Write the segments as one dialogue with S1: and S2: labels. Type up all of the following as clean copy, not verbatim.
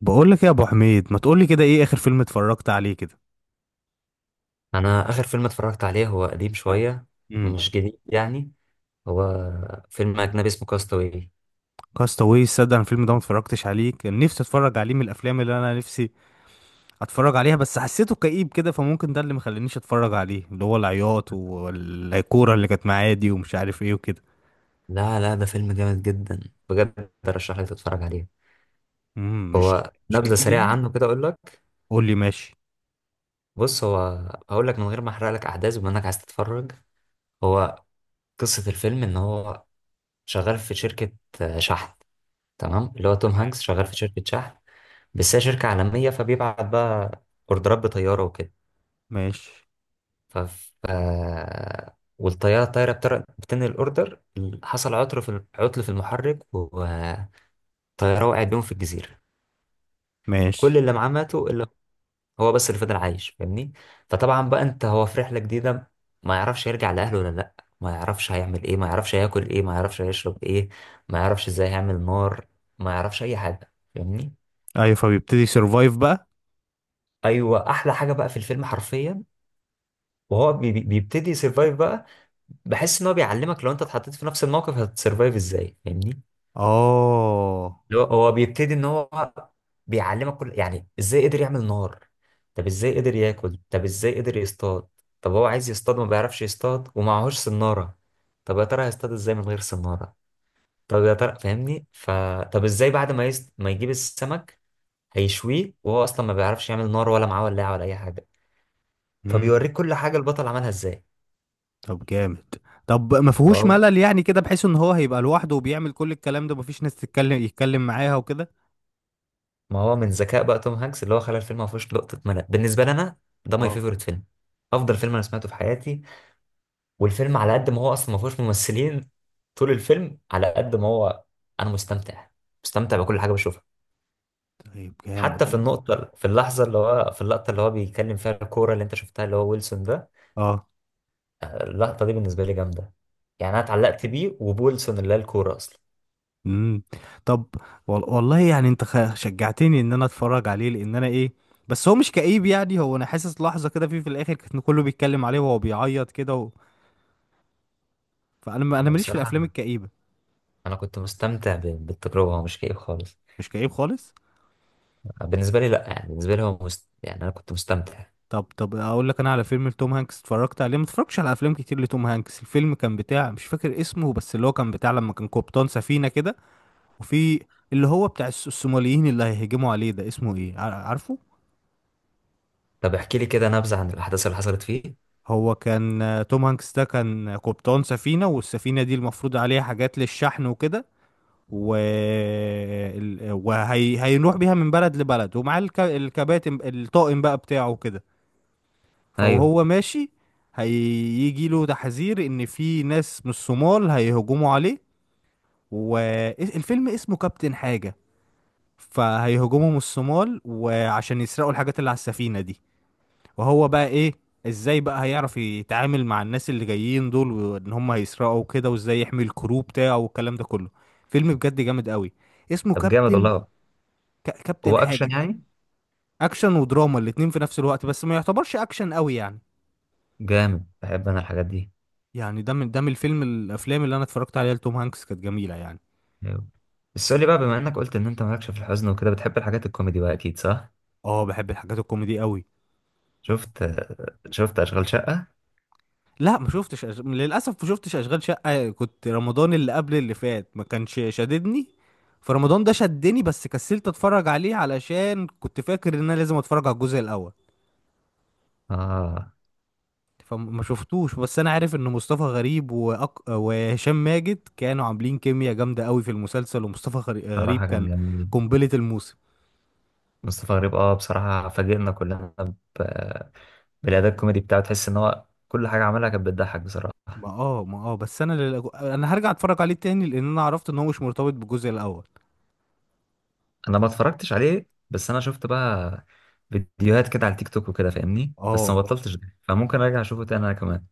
S1: بقول لك إيه يا ابو حميد؟ ما تقول لي كده، ايه اخر فيلم اتفرجت عليه كده؟
S2: انا اخر فيلم اتفرجت عليه هو قديم شويه،
S1: امم.
S2: مش جديد يعني. هو فيلم اجنبي اسمه كاستاوي.
S1: كاستاوي، صدق انا الفيلم ده ما اتفرجتش عليه. كان نفسي اتفرج عليه، من الافلام اللي انا نفسي اتفرج عليها، بس حسيته كئيب كده فممكن ده اللي مخلينيش اتفرج عليه، اللي هو العياط والكوره اللي كانت معايا دي ومش عارف ايه وكده.
S2: لا لا، ده فيلم جامد جدا، بجد ارشح لك تتفرج عليه.
S1: مش
S2: هو
S1: مش
S2: نبذه
S1: كئيب
S2: سريعه
S1: يعني؟
S2: عنه كده اقول لك.
S1: قول لي ماشي.
S2: بص، هو هقول لك من غير ما احرق لك احداث بما انك عايز تتفرج. هو قصه الفيلم ان هو شغال في شركه، شحن. تمام، اللي هو توم
S1: تمام.
S2: هانكس شغال في شركه شحن، بس هي شركه عالميه، فبيبعت بقى اوردرات بطياره وكده.
S1: ماشي.
S2: ف ف- والطيارة الطايرة بتنقل الأوردر. حصل عطر في عطل في المحرك والطيارة وقعت بيهم في الجزيرة.
S1: ماشي.
S2: كل اللي معاه ماتوا إلا هو بس اللي فضل عايش، فاهمني. فطبعا بقى أنت هو في رحلة جديدة، ما يعرفش يرجع لأهله ولا لأ، ما يعرفش هيعمل إيه، ما يعرفش هياكل إيه، ما يعرفش هيشرب إيه، ما يعرفش إزاي هيعمل نار، ما يعرفش أي حاجة، فاهمني.
S1: ايوه، فبيبتدي سيرفايف بقى.
S2: أيوة، أحلى حاجة بقى في الفيلم حرفيا، وهو بيبتدي يسرفايف بقى. بحس ان هو بيعلمك لو انت اتحطيت في نفس الموقف هتسرفايف ازاي، فاهمني.
S1: اه.
S2: اللي هو بيبتدي ان هو بيعلمك كل، يعني ازاي قدر يعمل نار، طب ازاي قدر ياكل، طب ازاي قدر يصطاد، طب هو عايز يصطاد ما بيعرفش يصطاد ومعهوش سنارة، طب يا ترى هيصطاد ازاي من غير سنارة، طب يا ترى فاهمني. طب ازاي بعد ما ما يجيب السمك هيشويه، وهو اصلا ما بيعرفش يعمل نار ولا معاه ولاعة ولا اي حاجة. فبيوريك كل حاجة البطل عملها ازاي.
S1: طب جامد. طب ما فيهوش ملل يعني كده، بحيث ان هو هيبقى لوحده وبيعمل كل الكلام ده مفيش ناس تتكلم يتكلم معاها وكده؟
S2: ما هو من ذكاء بقى توم هانكس اللي هو خلى الفيلم ما فيهوش لقطه ملل بالنسبه لي انا. ده ماي
S1: اه.
S2: فيفورت فيلم، افضل فيلم انا سمعته في حياتي. والفيلم على قد ما هو اصلا ما فيهوش ممثلين، طول الفيلم على قد ما هو انا مستمتع، مستمتع بكل حاجه بشوفها.
S1: طيب جامد
S2: حتى في
S1: والله.
S2: النقطه، في اللحظه اللي هو في اللقطه اللي هو بيتكلم فيها الكوره اللي انت شفتها اللي هو ويلسون ده،
S1: اه.
S2: اللقطه دي بالنسبه لي جامده. يعني انا اتعلقت بيه وبويلسون اللي هي الكوره اصلا.
S1: امم. طب والله يعني، انت شجعتني ان انا اتفرج عليه، لان انا ايه، بس هو مش كئيب يعني؟ هو انا حاسس لحظة كده فيه في الاخر كان كله بيتكلم عليه وهو بيعيط كده فانا انا
S2: لا،
S1: ماليش في
S2: بصراحه
S1: الافلام الكئيبة.
S2: انا كنت مستمتع بالتجربه، هو مش كئيب خالص.
S1: مش كئيب خالص.
S2: بالنسبه لي لا، يعني بالنسبه لي هو يعني انا كنت مستمتع.
S1: طب اقول لك انا على فيلم لتوم هانكس اتفرجت عليه، ما اتفرجتش على افلام كتير لتوم هانكس. الفيلم كان بتاع، مش فاكر اسمه، بس اللي هو كان بتاع لما كان قبطان سفينة كده. وفي اللي هو بتاع الصوماليين اللي هيهجموا عليه، ده اسمه ايه عارفه؟
S2: طب احكي لي كده نبذة عن الأحداث اللي حصلت فيه.
S1: هو كان، توم هانكس ده كان قبطان سفينة، والسفينة دي المفروض عليها حاجات للشحن وكده. هيروح بيها من بلد لبلد، ومعاه الكباتن، الطاقم بقى بتاعه كده.
S2: أيوه.
S1: فوهو ماشي، هيجي له تحذير ان في ناس من الصومال هيهجموا عليه. والفيلم اسمه كابتن حاجة. فهيهجموا من الصومال، وعشان يسرقوا الحاجات اللي على السفينة دي. وهو بقى ايه، ازاي بقى هيعرف يتعامل مع الناس اللي جايين دول، وان هم هيسرقوا كده، وازاي يحمي الكرو بتاعه والكلام ده كله. فيلم بجد جامد قوي، اسمه
S2: طب جامد
S1: كابتن،
S2: والله. هو
S1: كابتن
S2: أكشن
S1: حاجة.
S2: يعني؟
S1: اكشن ودراما الاتنين في نفس الوقت، بس ما يعتبرش اكشن قوي يعني.
S2: جامد، بحب أنا الحاجات دي.
S1: يعني ده من الافلام اللي انا اتفرجت عليها لتوم هانكس كانت جميله يعني.
S2: أيوه. بس قول لي بقى، بما إنك قلت إن أنت مالكش في الحزن وكده بتحب الحاجات الكوميدي بقى، أكيد صح؟
S1: اه، بحب الحاجات الكوميدي قوي.
S2: شفت؟ شفت أشغال شقة؟
S1: لا ما شفتش للاسف ما شفتش اشغال شقه. كنت رمضان اللي قبل اللي فات ما كانش شددني، فرمضان ده شدني بس كسلت اتفرج عليه علشان كنت فاكر ان انا لازم اتفرج على الجزء الاول.
S2: آه.
S1: فما شفتوش. بس انا عارف ان مصطفى غريب وهشام ماجد كانوا عاملين كيمياء جامده قوي في المسلسل. ومصطفى غريب
S2: صراحة كان
S1: كان
S2: جميل.
S1: قنبله الموسم.
S2: مصطفى غريب، بصراحة فاجئنا كلنا ب... بالأداء الكوميدي بتاعه، تحس إن هو كل حاجة عملها كانت بتضحك بصراحة.
S1: ما اه ما اه بس انا هرجع اتفرج عليه تاني، لان انا عرفت ان هو مش مرتبط بالجزء الاول.
S2: انا ما اتفرجتش عليه بس انا شفت بقى فيديوهات كده على التيك توك وكده فاهمني،
S1: اه.
S2: بس ما
S1: آه.
S2: بطلتش ده، فممكن ارجع اشوفه تاني انا كمان.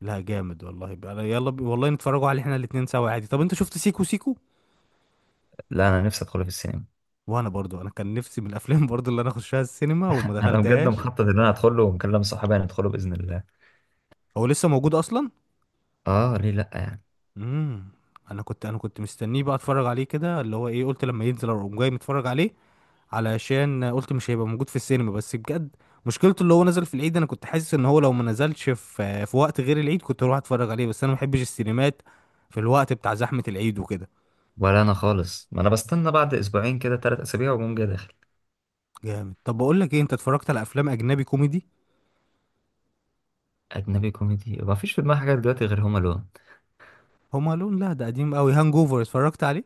S1: لا جامد والله بقى. يلا والله نتفرجوا عليه احنا الاتنين سوا عادي. طب انت شفت سيكو سيكو؟
S2: لا، انا نفسي ادخله في السينما.
S1: وانا برضو، انا كان نفسي من الافلام برضو، اللي انا اخشها السينما وما
S2: انا بجد
S1: دخلتهاش.
S2: مخطط ان انا ادخله، ومكلم صحابي هندخله باذن الله.
S1: هو لسه موجود اصلا؟
S2: اه، ليه لا يعني.
S1: امم. انا كنت مستنيه بقى اتفرج عليه كده، اللي هو ايه، قلت لما ينزل اقوم جاي متفرج عليه، علشان قلت مش هيبقى موجود في السينما. بس بجد مشكلته اللي هو نزل في العيد، انا كنت حاسس ان هو لو ما نزلش في وقت غير العيد كنت اروح اتفرج عليه، بس انا ما بحبش السينمات في الوقت بتاع زحمة العيد وكده.
S2: ولا انا خالص، ما انا بستنى بعد اسبوعين كده، 3 أسابيع، واقوم جاي داخل.
S1: جامد. طب بقول لك ايه، انت اتفرجت على افلام اجنبي كوميدي؟
S2: اجنبي كوميدي، ما فيش في دماغي حاجه دلوقتي غير هوم الون.
S1: هوم الون، لا ده قديم قوي. هانج اوفر اتفرجت عليه؟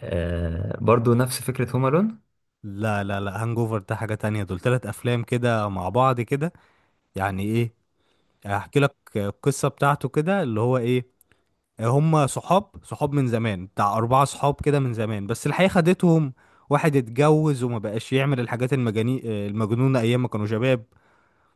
S2: آه، برضو نفس فكره هوم الون.
S1: لا لا لا، هانج اوفر ده حاجة تانية، دول تلات افلام كده مع بعض كده. يعني ايه، هحكي لك القصة بتاعته كده، اللي هو ايه، هم صحاب صحاب من زمان بتاع أربعة صحاب كده من زمان، بس الحقيقة خدتهم. واحد اتجوز وما بقاش يعمل الحاجات المجنونة أيام ما كانوا شباب.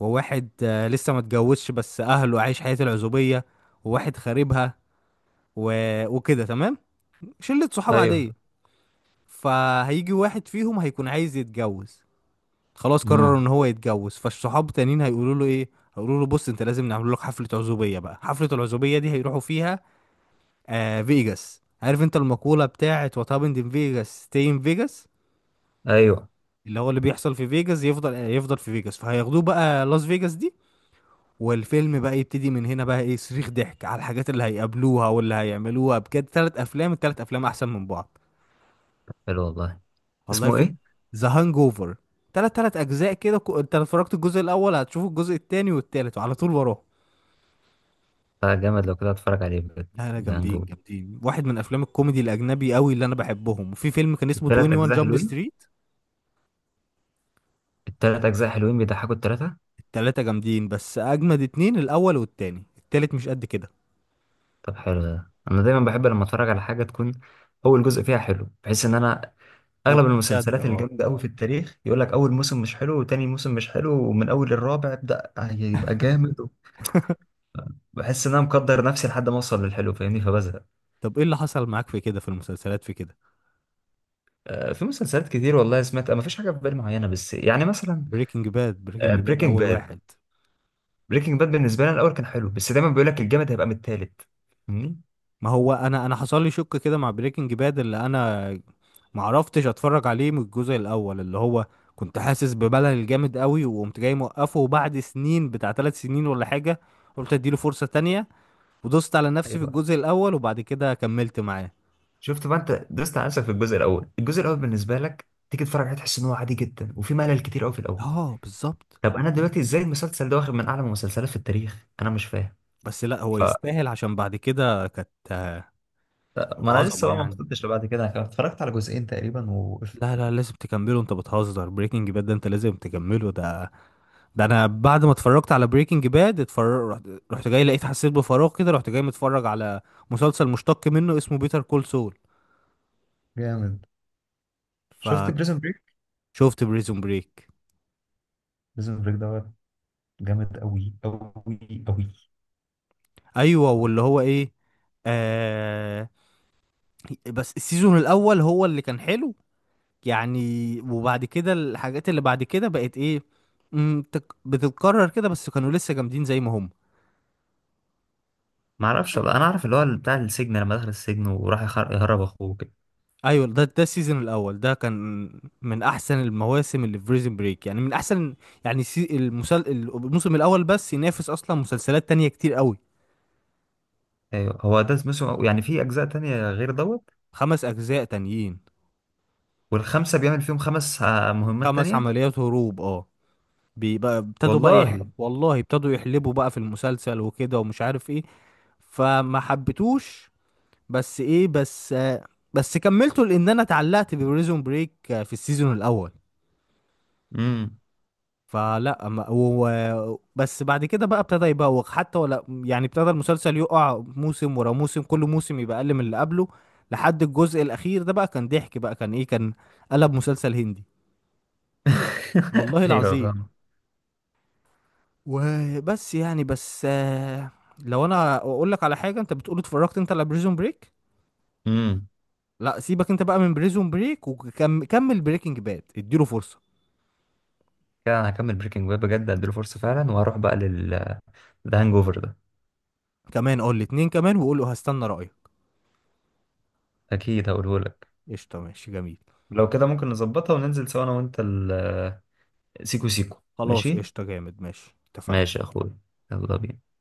S1: وواحد لسه ما اتجوزش بس أهله عايش حياة العزوبية. وواحد خاربها و... وكده تمام، شلة صحاب
S2: ايوه.
S1: عادية. فهيجي واحد فيهم هيكون عايز يتجوز، خلاص قرر
S2: امم.
S1: ان هو يتجوز، فالصحاب التانيين هيقولوا له ايه، هيقولوا له بص انت لازم نعمل لك حفلة عزوبية بقى. حفلة العزوبية دي هيروحوا فيها فيجاس، عارف انت المقولة بتاعت وات هابند ان فيجاس ستي ان فيجاس،
S2: ايوه.
S1: اللي بيحصل في فيجاس يفضل، يفضل في فيجاس. فهياخدوه بقى لاس فيجاس دي، والفيلم بقى يبتدي من هنا بقى، ايه صريخ ضحك على الحاجات اللي هيقابلوها واللي هيعملوها. بجد تلات افلام التلات افلام احسن من بعض.
S2: حلو والله.
S1: والله،
S2: اسمه
S1: في
S2: ايه؟
S1: ذا هانج اوفر، تلات اجزاء كده. انت لو اتفرجت الجزء الاول هتشوف الجزء التاني والتالت وعلى طول وراه.
S2: آه، جامد. لو كده اتفرج عليه بجد.
S1: لا لا،
S2: ده
S1: جامدين
S2: هنجو،
S1: جامدين، واحد من افلام الكوميدي الاجنبي قوي اللي انا بحبهم. وفي فيلم كان اسمه
S2: ثلاث
S1: 21
S2: اجزاء
S1: جامب
S2: حلوين،
S1: ستريت.
S2: التلات أجزاء حلوين، بيضحكوا التلاتة.
S1: التلاتة جامدين، بس أجمد اتنين الأول والتاني، التالت مش قد كده.
S2: طب حلو. ده أنا دايما بحب لما أتفرج على حاجة تكون أول جزء فيها حلو، بحيث إن أنا أغلب
S1: تتشد،
S2: المسلسلات
S1: اه.
S2: الجامدة أوي في التاريخ يقول لك أول موسم مش حلو، وتاني موسم مش حلو، ومن أول الرابع ابدأ هيبقى جامد. بحس إن أنا مقدر نفسي لحد ما أوصل للحلو، فاهمني، فبزهق.
S1: طب ايه اللي حصل معاك في كده في المسلسلات في كده؟
S2: في مسلسلات كتير والله سمعت، ما فيش حاجة في بالي معينة، بس يعني مثلا
S1: بريكنج باد، بريكنج باد
S2: بريكنج
S1: أول
S2: باد.
S1: واحد.
S2: بريكنج باد بالنسبة لي أنا الأول كان حلو، بس دايما بيقول لك الجامد هيبقى من التالت، فاهمني؟
S1: ما هو أنا حصل لي شك كده مع بريكنج باد، اللي أنا معرفتش أتفرج عليه من الجزء الأول، اللي هو كنت حاسس بملل جامد قوي وقمت جاي موقفه. وبعد سنين، بتاع ثلاث سنين ولا حاجة، قلت اديله فرصة تانية، ودوست على نفسي في
S2: أيوة.
S1: الجزء الأول وبعد كده كملت معاه.
S2: شفت بقى، انت دوست على نفسك في الجزء الاول. الجزء الاول بالنسبه لك تيجي تتفرج عليه تحس ان هو عادي جدا وفي ملل كتير قوي في الاول.
S1: اه بالظبط.
S2: طب انا دلوقتي ازاي المسلسل ده واخد من اعلى المسلسلات في التاريخ؟ انا مش فاهم.
S1: بس لا، هو
S2: ف
S1: يستاهل، عشان بعد كده كانت،
S2: ما
S1: كانت
S2: انا لسه
S1: عظمه
S2: بقى ما
S1: يعني.
S2: وصلتش لبعد كده، انا اتفرجت على جزئين تقريبا ووقفت.
S1: لا لا، لازم تكمله، انت بتهزر، بريكنج باد ده انت لازم تكمله. ده ده انا بعد ما اتفرجت على بريكنج باد، اتفرج رحت جاي حسيت بفراغ كده، رحت جاي متفرج على مسلسل مشتق منه اسمه بيتر كول سول.
S2: جامد. شفت
S1: فشفت
S2: بريزون بريك؟
S1: بريزون بريك.
S2: بريزون بريك ده جامد قوي قوي قوي.
S1: ايوه، واللي هو ايه، آه بس السيزون الاول هو اللي كان حلو يعني. وبعد كده الحاجات اللي بعد كده بقت ايه، بتتكرر كده، بس كانوا لسه جامدين زي ما هم.
S2: ما اعرفش بقى، انا اعرف اللي هو بتاع السجن لما دخل السجن وراح يهرب اخوه كده.
S1: ايوه، ده السيزون الاول ده كان من احسن المواسم اللي في بريزن بريك، يعني من احسن، يعني الموسم الاول بس ينافس اصلا مسلسلات تانية كتير قوي.
S2: ايوه، هو ده اسمه يعني، في اجزاء تانية غير دوت؟
S1: خمس اجزاء تانيين،
S2: والخمسه بيعمل فيهم خمس مهمات
S1: خمس
S2: تانية.
S1: عمليات هروب، اه. بيبقى ابتدوا بقى
S2: والله.
S1: والله ابتدوا يحلبوا بقى في المسلسل وكده ومش عارف ايه، فما حبيتوش. بس ايه، بس بس كملته لان انا اتعلقت ببريزون بريك في السيزون الاول.
S2: امم.
S1: فلا ما- و... و- بس بعد كده بقى ابتدى يبوخ حتى، ولا يعني ابتدى المسلسل يقع موسم ورا موسم، كل موسم يبقى اقل من اللي قبله. لحد الجزء الاخير ده بقى كان ضحك بقى، كان ايه، كان قلب مسلسل هندي، والله
S2: ايوه
S1: العظيم.
S2: فاهم.
S1: وبس يعني، بس لو انا اقول لك على حاجه انت بتقول اتفرجت انت على بريزون بريك،
S2: امم.
S1: لا سيبك انت بقى من بريزون بريك، وكمل بريكنج باد اديله فرصه.
S2: كده انا هكمل بريكنج باد بجد، اديله فرصه فعلا. وهروح بقى لل ده هانج اوفر ده.
S1: كمان قول لي اتنين كمان، وقول له هستنى رأيك.
S2: اكيد هقوله لك.
S1: قشطة، ماشي، جميل.
S2: لو كده ممكن نظبطها وننزل سوا انا وانت، ال سيكو سيكو
S1: خلاص
S2: ماشي.
S1: قشطة، جامد، ماشي،
S2: ماشي
S1: اتفقنا.
S2: يا اخويا. يلا بينا.